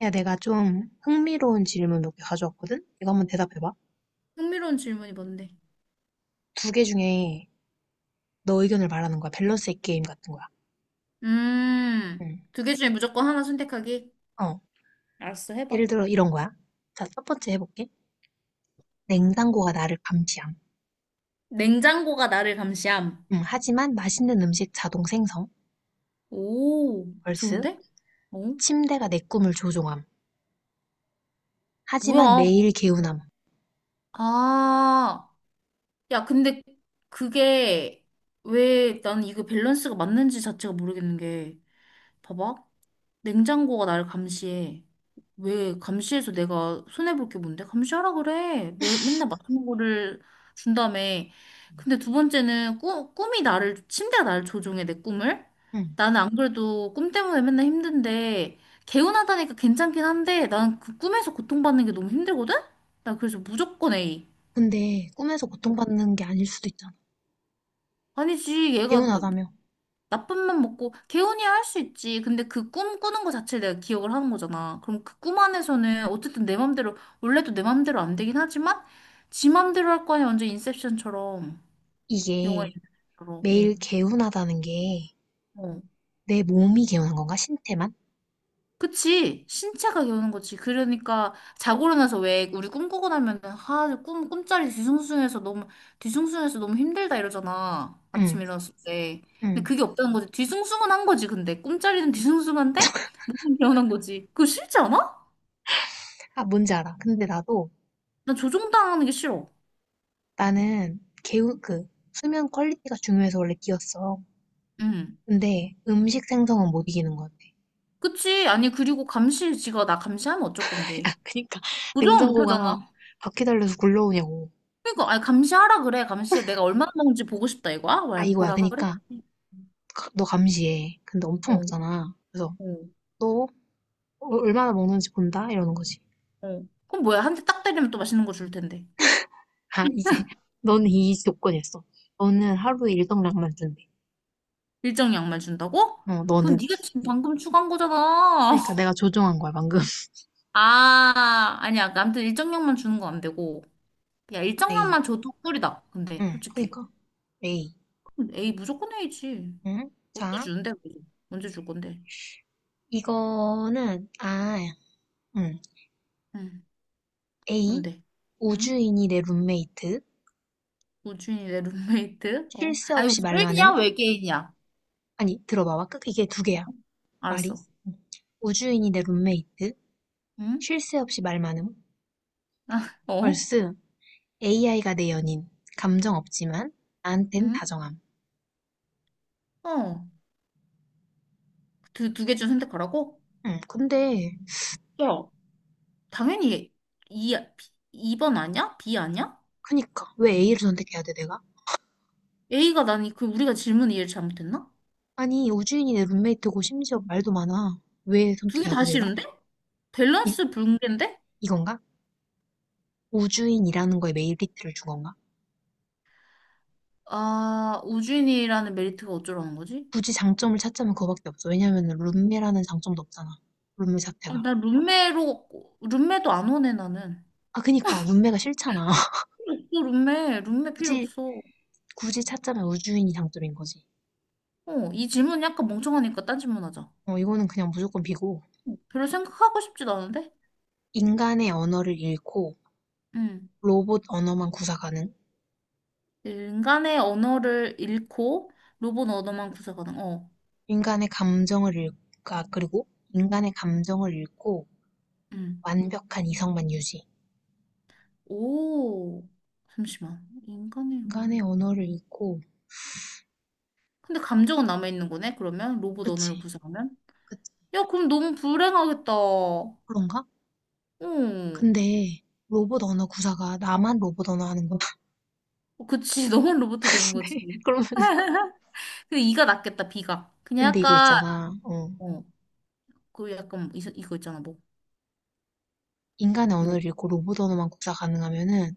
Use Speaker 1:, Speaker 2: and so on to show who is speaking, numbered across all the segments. Speaker 1: 야, 내가 좀 흥미로운 질문 몇 개 가져왔거든? 이거 한번 대답해봐.
Speaker 2: 흥미로운 질문이 뭔데?
Speaker 1: 두 개 중에 너 의견을 말하는 거야. 밸런스의 게임 같은 거야. 응.
Speaker 2: 두 개 중에 무조건 하나 선택하기?
Speaker 1: 어.
Speaker 2: 알았어, 해봐.
Speaker 1: 예를 들어 이런 거야. 자, 첫 번째 해볼게. 냉장고가 나를 감시함.
Speaker 2: 냉장고가 나를 감시함.
Speaker 1: 응, 하지만 맛있는 음식 자동 생성.
Speaker 2: 오,
Speaker 1: 벌스.
Speaker 2: 좋은데? 어?
Speaker 1: 침대가 내 꿈을 조종함. 하지만
Speaker 2: 뭐야?
Speaker 1: 매일 개운함.
Speaker 2: 아, 야, 근데 그게 왜 난 이거 밸런스가 맞는지 자체가 모르겠는 게, 봐봐. 냉장고가 나를 감시해. 왜 감시해서 내가 손해볼 게 뭔데? 감시하라 그래. 맨날 맛있는 거를 준다며. 근데 두 번째는 꿈이 나를, 침대가 나를 조종해, 내 꿈을.
Speaker 1: 응.
Speaker 2: 나는 안 그래도 꿈 때문에 맨날 힘든데, 개운하다니까 괜찮긴 한데, 난 그 꿈에서 고통받는 게 너무 힘들거든? 나 그래서 무조건 A.
Speaker 1: 근데 꿈에서 고통받는 게 아닐 수도 있잖아.
Speaker 2: 아니지, 얘가
Speaker 1: 개운하다며.
Speaker 2: 나쁜맘 먹고 개운이야 할 수 있지. 근데 그 꿈 꾸는 거 자체를 내가 기억을 하는 거잖아. 그럼 그 꿈 안에서는 어쨌든 내 맘대로 원래도 내 맘대로 안 되긴 하지만 지 맘대로 할 거 아니야. 완전 인셉션처럼 영화
Speaker 1: 이게
Speaker 2: 인셉션처럼.
Speaker 1: 매일
Speaker 2: 응.
Speaker 1: 개운하다는 게
Speaker 2: 어.
Speaker 1: 내 몸이 개운한 건가? 신체만?
Speaker 2: 그치. 신체가 개우는 거지. 그러니까 자고 일어나서 왜 우리 꿈꾸고 나면은 아, 꿈 꿈자리 뒤숭숭해서 너무 뒤숭숭해서 너무 힘들다 이러잖아. 아침
Speaker 1: 응.
Speaker 2: 일어났을 때. 근데
Speaker 1: 응.
Speaker 2: 그게 없다는 거지. 뒤숭숭은 한 거지. 근데 꿈자리는 뒤숭숭한데 개운한 거지. 그거 싫지 않아?
Speaker 1: 아, 뭔지 알아. 근데 나도,
Speaker 2: 나 조종당하는 게 싫어.
Speaker 1: 나는 개운, 그, 수면 퀄리티가 중요해서 원래 끼웠어.
Speaker 2: 응.
Speaker 1: 근데 음식 생성은 못 이기는 것 같아.
Speaker 2: 그치? 아니, 그리고 감시지가 나 감시하면 어쩔
Speaker 1: 아,
Speaker 2: 건데.
Speaker 1: 그니까,
Speaker 2: 조종을 못 하잖아.
Speaker 1: 냉장고가 바퀴 달려서 굴러오냐고.
Speaker 2: 그러니까, 아니, 감시하라 그래. 감시해. 내가 얼마나 먹는지 보고 싶다, 이거야?
Speaker 1: 아,
Speaker 2: 왜,
Speaker 1: 이거야.
Speaker 2: 보라 그래?
Speaker 1: 그니까, 너 감시해. 근데 엄청
Speaker 2: 어,
Speaker 1: 먹잖아. 그래서,
Speaker 2: 어,
Speaker 1: 너 얼마나 먹는지 본다? 이러는 거지.
Speaker 2: 어. 그럼 뭐야? 한 대 딱 때리면 또 맛있는 거 줄 텐데.
Speaker 1: 아, 이제, 너는 이 조건이었어. 너는 하루에 일정량만 준대.
Speaker 2: 일정 양말 준다고?
Speaker 1: 어,
Speaker 2: 그건
Speaker 1: 너는.
Speaker 2: 네가 지금 방금 추가한 거잖아.
Speaker 1: 그니까 내가 조종한 거야, 방금.
Speaker 2: 아, 아니야. 아무튼 일정 양만 주는 건 안 되고. 야, 일정
Speaker 1: 에이.
Speaker 2: 양만 줘도 꿀이다. 근데,
Speaker 1: 응,
Speaker 2: 솔직히.
Speaker 1: 그니까. 에이.
Speaker 2: 그럼 A, 무조건 A지.
Speaker 1: 응?
Speaker 2: 언제
Speaker 1: 자.
Speaker 2: 주는데, 그거? 언제 줄 건데?
Speaker 1: 이거는, 아, 음.
Speaker 2: 응.
Speaker 1: A.
Speaker 2: 뭔데? 응?
Speaker 1: 우주인이 내 룸메이트.
Speaker 2: 우주인이 내 룸메이트?
Speaker 1: 쉴
Speaker 2: 어?
Speaker 1: 새
Speaker 2: 아니,
Speaker 1: 없이
Speaker 2: 주인이야
Speaker 1: 말만음.
Speaker 2: 외계인이야?
Speaker 1: 아니, 들어봐봐. 끝, 이게 두 개야. 말이.
Speaker 2: 알았어.
Speaker 1: 음. 우주인이 내 룸메이트.
Speaker 2: 응?
Speaker 1: 쉴 새 없이 말만음.
Speaker 2: 아, 어?
Speaker 1: 벌스. AI가 내 연인. 감정 없지만, 나한텐
Speaker 2: 응?
Speaker 1: 다정함.
Speaker 2: 어. 두 개 중 선택하라고?
Speaker 1: 근데,
Speaker 2: 야 당연히 B, 2번 아니야? B 아니야?
Speaker 1: 그니까. 왜 A를 선택해야 돼, 내가?
Speaker 2: A가 나니, 그, 우리가 질문 이해를 잘못했나?
Speaker 1: 아니, 우주인이 내 룸메이트고 심지어 말도 많아. 왜
Speaker 2: 두 개
Speaker 1: 선택해야
Speaker 2: 다
Speaker 1: 돼, 내가?
Speaker 2: 싫은데?
Speaker 1: 이,
Speaker 2: 밸런스 붕괴인데?
Speaker 1: 이건가? 우주인이라는 거에 메리트를 준 건가?
Speaker 2: 아, 우주인이라는 메리트가 어쩌라는 거지?
Speaker 1: 굳이 장점을 찾자면 그거밖에 없어. 왜냐면은 룸메라는 장점도 없잖아. 룸메
Speaker 2: 아,
Speaker 1: 자체가.
Speaker 2: 나 룸메로, 룸메도 안 오네, 나는.
Speaker 1: 아, 그니까 룸메가 싫잖아.
Speaker 2: 필요 없어, 룸메. 룸메 필요
Speaker 1: 굳이
Speaker 2: 없어.
Speaker 1: 굳이 찾자면 우주인이 장점인 거지.
Speaker 2: 어, 이 질문 약간 멍청하니까 딴 질문 하자.
Speaker 1: 어, 이거는 그냥 무조건 비고
Speaker 2: 별로 생각하고 싶지도 않은데?
Speaker 1: 인간의 언어를 잃고
Speaker 2: 응.
Speaker 1: 로봇 언어만 구사 가능.
Speaker 2: 인간의 언어를 잃고 로봇 언어만 구사가능. 어.
Speaker 1: 인간의 감정을 잃, 아, 그리고 인간의 감정을 잃고
Speaker 2: 응.
Speaker 1: 완벽한 이성만 유지.
Speaker 2: 오. 잠시만. 인간의
Speaker 1: 인간의
Speaker 2: 언어를.
Speaker 1: 언어를 잃고
Speaker 2: 근데 감정은 남아있는 거네? 그러면? 로봇 언어를
Speaker 1: 그치,
Speaker 2: 구사하면?
Speaker 1: 그치.
Speaker 2: 야, 그럼 너무 불행하겠다.
Speaker 1: 그런가?
Speaker 2: 응.
Speaker 1: 근데 로봇 언어 구사가 나만 로봇 언어 하는 거같은데
Speaker 2: 그치. 너만 로봇 되는 거지.
Speaker 1: 그러면
Speaker 2: 근데 이가 낫겠다, 비가. 그냥
Speaker 1: 근데 이거
Speaker 2: 약간,
Speaker 1: 있잖아. 어.
Speaker 2: 어. 그 약간, 이, 이거 있잖아, 뭐.
Speaker 1: 인간의
Speaker 2: 뭐.
Speaker 1: 언어를 잃고 로봇 언어만 구사 가능하면은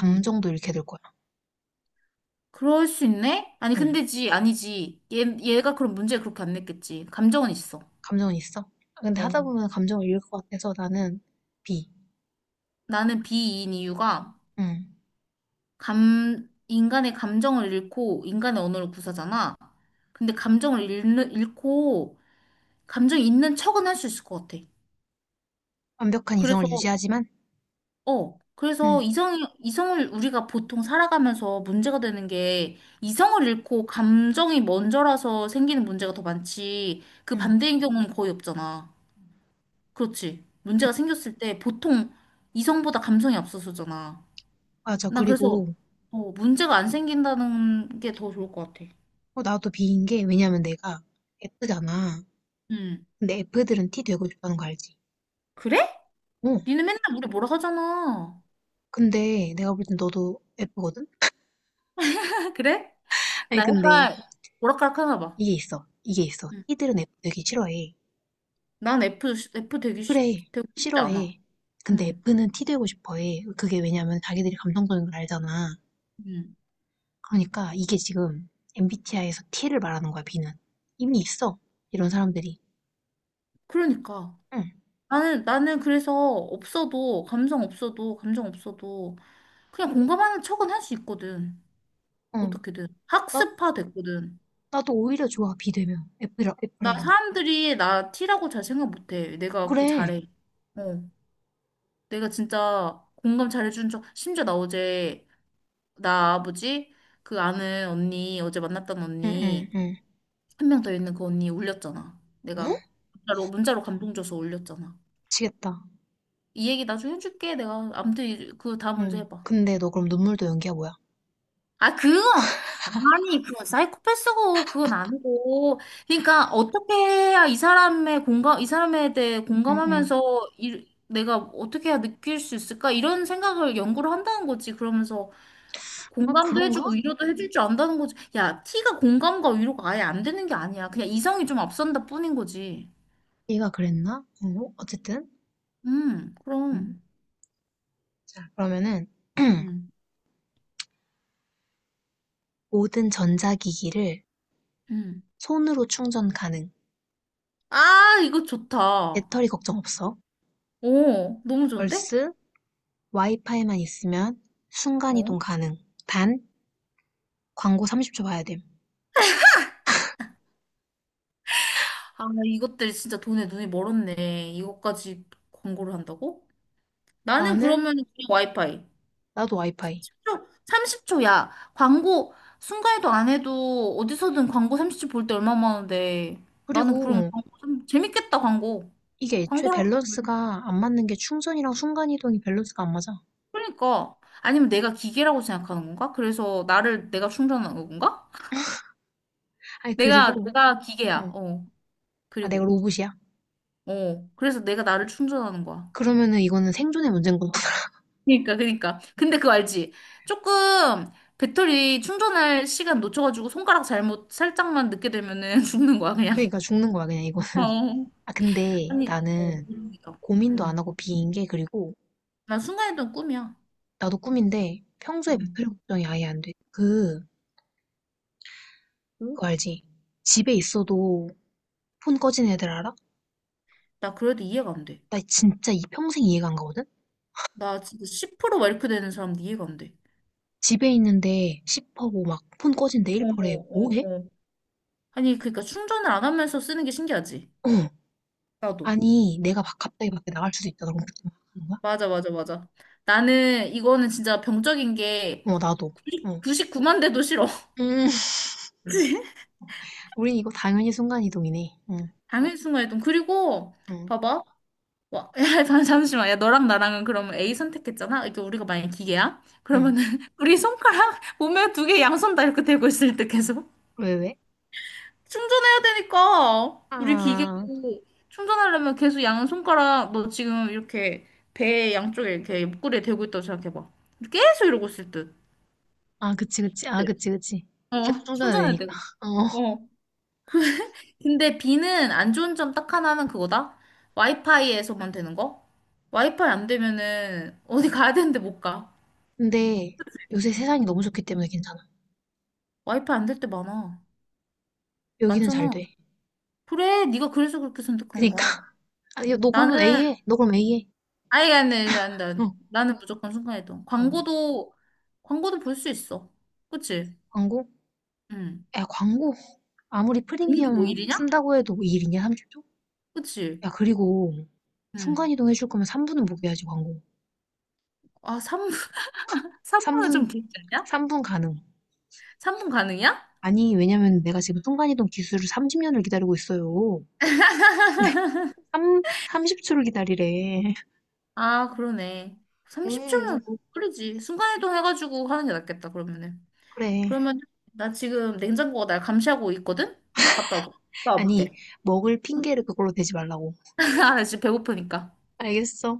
Speaker 2: 응.
Speaker 1: 잃게 될 거야.
Speaker 2: 그럴 수 있네? 아니,
Speaker 1: 응.
Speaker 2: 근데지, 아니지. 얘가 그럼 문제 그렇게 안 냈겠지. 감정은 있어.
Speaker 1: 감정은 있어. 아, 근데 하다
Speaker 2: 어,
Speaker 1: 보면 감정을 잃을 것 같아서 나는 B.
Speaker 2: 나는 B인 이유가,
Speaker 1: 응.
Speaker 2: 인간의 감정을 잃고, 인간의 언어를 구사잖아. 근데 감정을 잃고, 감정이 있는 척은 할 수 있을 것 같아.
Speaker 1: 완벽한 이성을
Speaker 2: 그래서,
Speaker 1: 유지하지만,
Speaker 2: 어,
Speaker 1: 응,
Speaker 2: 그래서 이성을 우리가 보통 살아가면서 문제가 되는 게, 이성을 잃고 감정이 먼저라서 생기는 문제가 더 많지, 그
Speaker 1: 응,
Speaker 2: 반대인 경우는 거의 없잖아. 그렇지.
Speaker 1: 응.
Speaker 2: 문제가 생겼을 때 보통 이성보다 감성이 앞서서잖아.
Speaker 1: 맞아.
Speaker 2: 난 그래서
Speaker 1: 그리고
Speaker 2: 어, 문제가 안 생긴다는 게 더 좋을 것 같아.
Speaker 1: 어, 나도 B인 게 왜냐면 내가 F잖아.
Speaker 2: 음.
Speaker 1: 근데 F들은 T 되고 싶다는 거 알지?
Speaker 2: 그래?
Speaker 1: 어.
Speaker 2: 니는 맨날 우리 뭐라 하잖아.
Speaker 1: 근데 내가 볼 땐 너도 F거든?
Speaker 2: 그래?
Speaker 1: 아니
Speaker 2: 나
Speaker 1: 근데
Speaker 2: 약간 오락가락 하나 봐.
Speaker 1: 이게 있어. 이게 있어.
Speaker 2: 응.
Speaker 1: T들은 F 되기 싫어해.
Speaker 2: 난 F, F 되기,
Speaker 1: 그래,
Speaker 2: 되고 싶지 않아.
Speaker 1: 싫어해. 근데
Speaker 2: 응.
Speaker 1: F는 T 되고 싶어해. 그게 왜냐면 자기들이 감성적인 걸 알잖아.
Speaker 2: 응.
Speaker 1: 그러니까 이게 지금 MBTI에서 T를 말하는 거야, B는. 이미 있어. 이런 사람들이.
Speaker 2: 그러니까.
Speaker 1: 응,
Speaker 2: 나는 그래서 없어도, 감성 없어도, 감정 없어도, 그냥 공감하는 척은 할 수 있거든.
Speaker 1: 응.
Speaker 2: 어떻게든.
Speaker 1: 나,
Speaker 2: 학습화 됐거든.
Speaker 1: 나도 오히려 좋아, B 되면.
Speaker 2: 나
Speaker 1: F라서.
Speaker 2: 사람들이 나 T라고 잘 생각 못해. 내가 그거
Speaker 1: 그래.
Speaker 2: 잘해. 어. 내가 진짜 공감 잘해주는 척. 심지어 나 어제, 나 아버지, 그 아는 언니, 어제 만났던
Speaker 1: 응, 응,
Speaker 2: 언니,
Speaker 1: 응.
Speaker 2: 한 명 더 있는 그 언니 울렸잖아. 내가
Speaker 1: 어?
Speaker 2: 문자로 감동 줘서 울렸잖아.
Speaker 1: 미치겠다.
Speaker 2: 이 얘기 나중에 해줄게. 내가 아무튼 그 다음 문제
Speaker 1: 응.
Speaker 2: 해봐.
Speaker 1: 근데 너 그럼 눈물도 연기야, 뭐야?
Speaker 2: 아, 그건, 아니, 그건 사이코패스고, 그건 아니고. 그러니까, 어떻게 해야 이 사람에 대해
Speaker 1: 응, 응.
Speaker 2: 공감하면서, 이, 내가 어떻게 해야 느낄 수 있을까? 이런 생각을 연구를 한다는 거지. 그러면서,
Speaker 1: 아,
Speaker 2: 공감도
Speaker 1: 그런가?
Speaker 2: 해주고, 위로도 해줄 줄 안다는 거지. 야, 티가 공감과 위로가 아예 안 되는 게 아니야. 그냥 이성이 좀 앞선다 뿐인 거지.
Speaker 1: 얘가 그랬나? 어, 어쨌든. 응.
Speaker 2: 그럼.
Speaker 1: 자, 그러면은
Speaker 2: 음,
Speaker 1: 모든 전자기기를
Speaker 2: 음.
Speaker 1: 손으로 충전 가능.
Speaker 2: 아, 이거 좋다.
Speaker 1: 배터리 걱정 없어.
Speaker 2: 오, 너무 좋은데?
Speaker 1: 얼스 와이파이만 있으면
Speaker 2: 어.
Speaker 1: 순간이동 가능. 단 광고 30초 봐야 됨.
Speaker 2: 아, 이것들 진짜 돈에 눈이 멀었네. 이것까지 광고를 한다고? 나는
Speaker 1: 나는
Speaker 2: 그러면 그냥 와이파이.
Speaker 1: 나도 와이파이.
Speaker 2: 30초야. 광고 순간에도 안 해도 어디서든 광고 30초 볼 때 얼마 많은데. 나는 그럼
Speaker 1: 그리고
Speaker 2: 광고 좀 재밌겠다, 광고.
Speaker 1: 이게 애초에
Speaker 2: 광고라고. 면
Speaker 1: 밸런스가 안 맞는 게 충전이랑 순간이동이 밸런스가 안 맞아.
Speaker 2: 그러니까. 아니면 내가 기계라고 생각하는 건가? 그래서 나를 내가 충전하는 건가?
Speaker 1: 아니
Speaker 2: 내가,
Speaker 1: 그리고
Speaker 2: 내가
Speaker 1: 어,
Speaker 2: 기계야. 어.
Speaker 1: 아 내가
Speaker 2: 그리고.
Speaker 1: 로봇이야.
Speaker 2: 어. 그래서 내가 나를 충전하는 거야.
Speaker 1: 그러면은 이거는 생존의 문제인 거야.
Speaker 2: 그니까. 근데 그거 알지? 조금 배터리 충전할 시간 놓쳐가지고 손가락 잘못 살짝만 늦게 되면은 죽는 거야, 그냥.
Speaker 1: 그러니까 죽는 거야 그냥 이거.
Speaker 2: 어.
Speaker 1: 아 근데
Speaker 2: 아니, 어,
Speaker 1: 나는
Speaker 2: 모르겠어.
Speaker 1: 고민도 안
Speaker 2: 응.
Speaker 1: 하고 비인 게 그리고
Speaker 2: 난 순간이동 꿈이야.
Speaker 1: 나도 꿈인데 평소에
Speaker 2: 응.
Speaker 1: 배터리 걱정이 아예 안 돼. 그
Speaker 2: 응?
Speaker 1: 그거 알지? 집에 있어도 폰 꺼진 애들 알아?
Speaker 2: 나 그래도 이해가 안 돼.
Speaker 1: 나 진짜 이 평생 이해가 안 가거든?
Speaker 2: 나 진짜 10%막 이렇게 되는 사람도 이해가 안 돼.
Speaker 1: 집에 있는데 십퍼고 막 폰 꺼진데
Speaker 2: 어,
Speaker 1: 퍼래
Speaker 2: 어,
Speaker 1: 뭐해?
Speaker 2: 어. 아니, 그러니까 충전을 안 하면서 쓰는 게 신기하지?
Speaker 1: 어.
Speaker 2: 나도.
Speaker 1: 아니, 내가 막 갑자기 밖에 나갈 수도 있다. 그럼 그때 막 하는 거야?
Speaker 2: 맞아, 맞아, 맞아. 나는 이거는 진짜 병적인 게
Speaker 1: 어, 나도. 어.
Speaker 2: 99만 대도 싫어.
Speaker 1: 음, 우린 이거 당연히 순간이동이네. 응,
Speaker 2: 당일 순간이동. 그리고
Speaker 1: 응,
Speaker 2: 봐봐. 와, 야, 잠시만. 야, 너랑 나랑은 그러면 A 선택했잖아. 이게 우리가 만약에 기계야?
Speaker 1: 응.
Speaker 2: 그러면은 우리 손가락 보면 두 개 양손 다 이렇게 들고 있을 때 계속
Speaker 1: 왜, 왜?
Speaker 2: 충전해야 되니까 우리 기계도
Speaker 1: 아,
Speaker 2: 충전하려면 계속 양손가락 너 지금 이렇게 배 양쪽에 이렇게 옆구리에 대고 있다고 생각해봐. 계속 이러고 있을 듯.
Speaker 1: 아, 그치, 그치. 아, 그치, 그치. 계속
Speaker 2: 어,
Speaker 1: 충전해야
Speaker 2: 충전해야 돼.
Speaker 1: 되니까. 어.
Speaker 2: 어. 그 근데 비는 안 좋은 점 딱 하나는 그거다. 와이파이에서만 되는 거? 와이파이 안 되면은 어디 가야 되는데 못 가.
Speaker 1: 근데 요새 세상이 너무 좋기 때문에 괜찮아.
Speaker 2: 와이파이 안 될 때 많아.
Speaker 1: 여기는 잘
Speaker 2: 많잖아.
Speaker 1: 돼.
Speaker 2: 그래, 네가 그래서 그렇게 선택한
Speaker 1: 그니까.
Speaker 2: 거야.
Speaker 1: 아, 니 너 그러면
Speaker 2: 나는
Speaker 1: A해. 너 그럼 A해.
Speaker 2: 아, 아니, 아니, 아니, 아니.
Speaker 1: 어.
Speaker 2: 나는 무조건 순간이동.
Speaker 1: 응.
Speaker 2: 광고도 볼 수 있어. 그치?
Speaker 1: 광고?
Speaker 2: 응.
Speaker 1: 야, 광고. 아무리
Speaker 2: 보는 게뭐
Speaker 1: 프리미엄
Speaker 2: 일이냐?
Speaker 1: 쓴다고 해도 이 일이냐, 30초?
Speaker 2: 그치?
Speaker 1: 야, 그리고
Speaker 2: 응.
Speaker 1: 순간이동 해줄 거면 3분은 먹여야지, 광고.
Speaker 2: 아, 3분은
Speaker 1: 3분,
Speaker 2: 좀 길지 않냐?
Speaker 1: 삼분 가능.
Speaker 2: 3분 가능이야?
Speaker 1: 아니, 왜냐면 내가 지금 순간이동 기술을 30년을 기다리고 있어요. 3, 삼0초를 기다리래.
Speaker 2: 아, 그러네. 30초면
Speaker 1: 음,
Speaker 2: 너무 빠르지. 순간이동 해가지고 하는 게 낫겠다, 그러면은.
Speaker 1: 그래.
Speaker 2: 그러면 나 지금 냉장고가 날 감시하고 있거든? 어, 갔다 오고.
Speaker 1: 아니,
Speaker 2: 나와볼게.
Speaker 1: 먹을 핑계를 그걸로 대지 말라고.
Speaker 2: 아, 나 지금 배고프니까.
Speaker 1: 알겠어.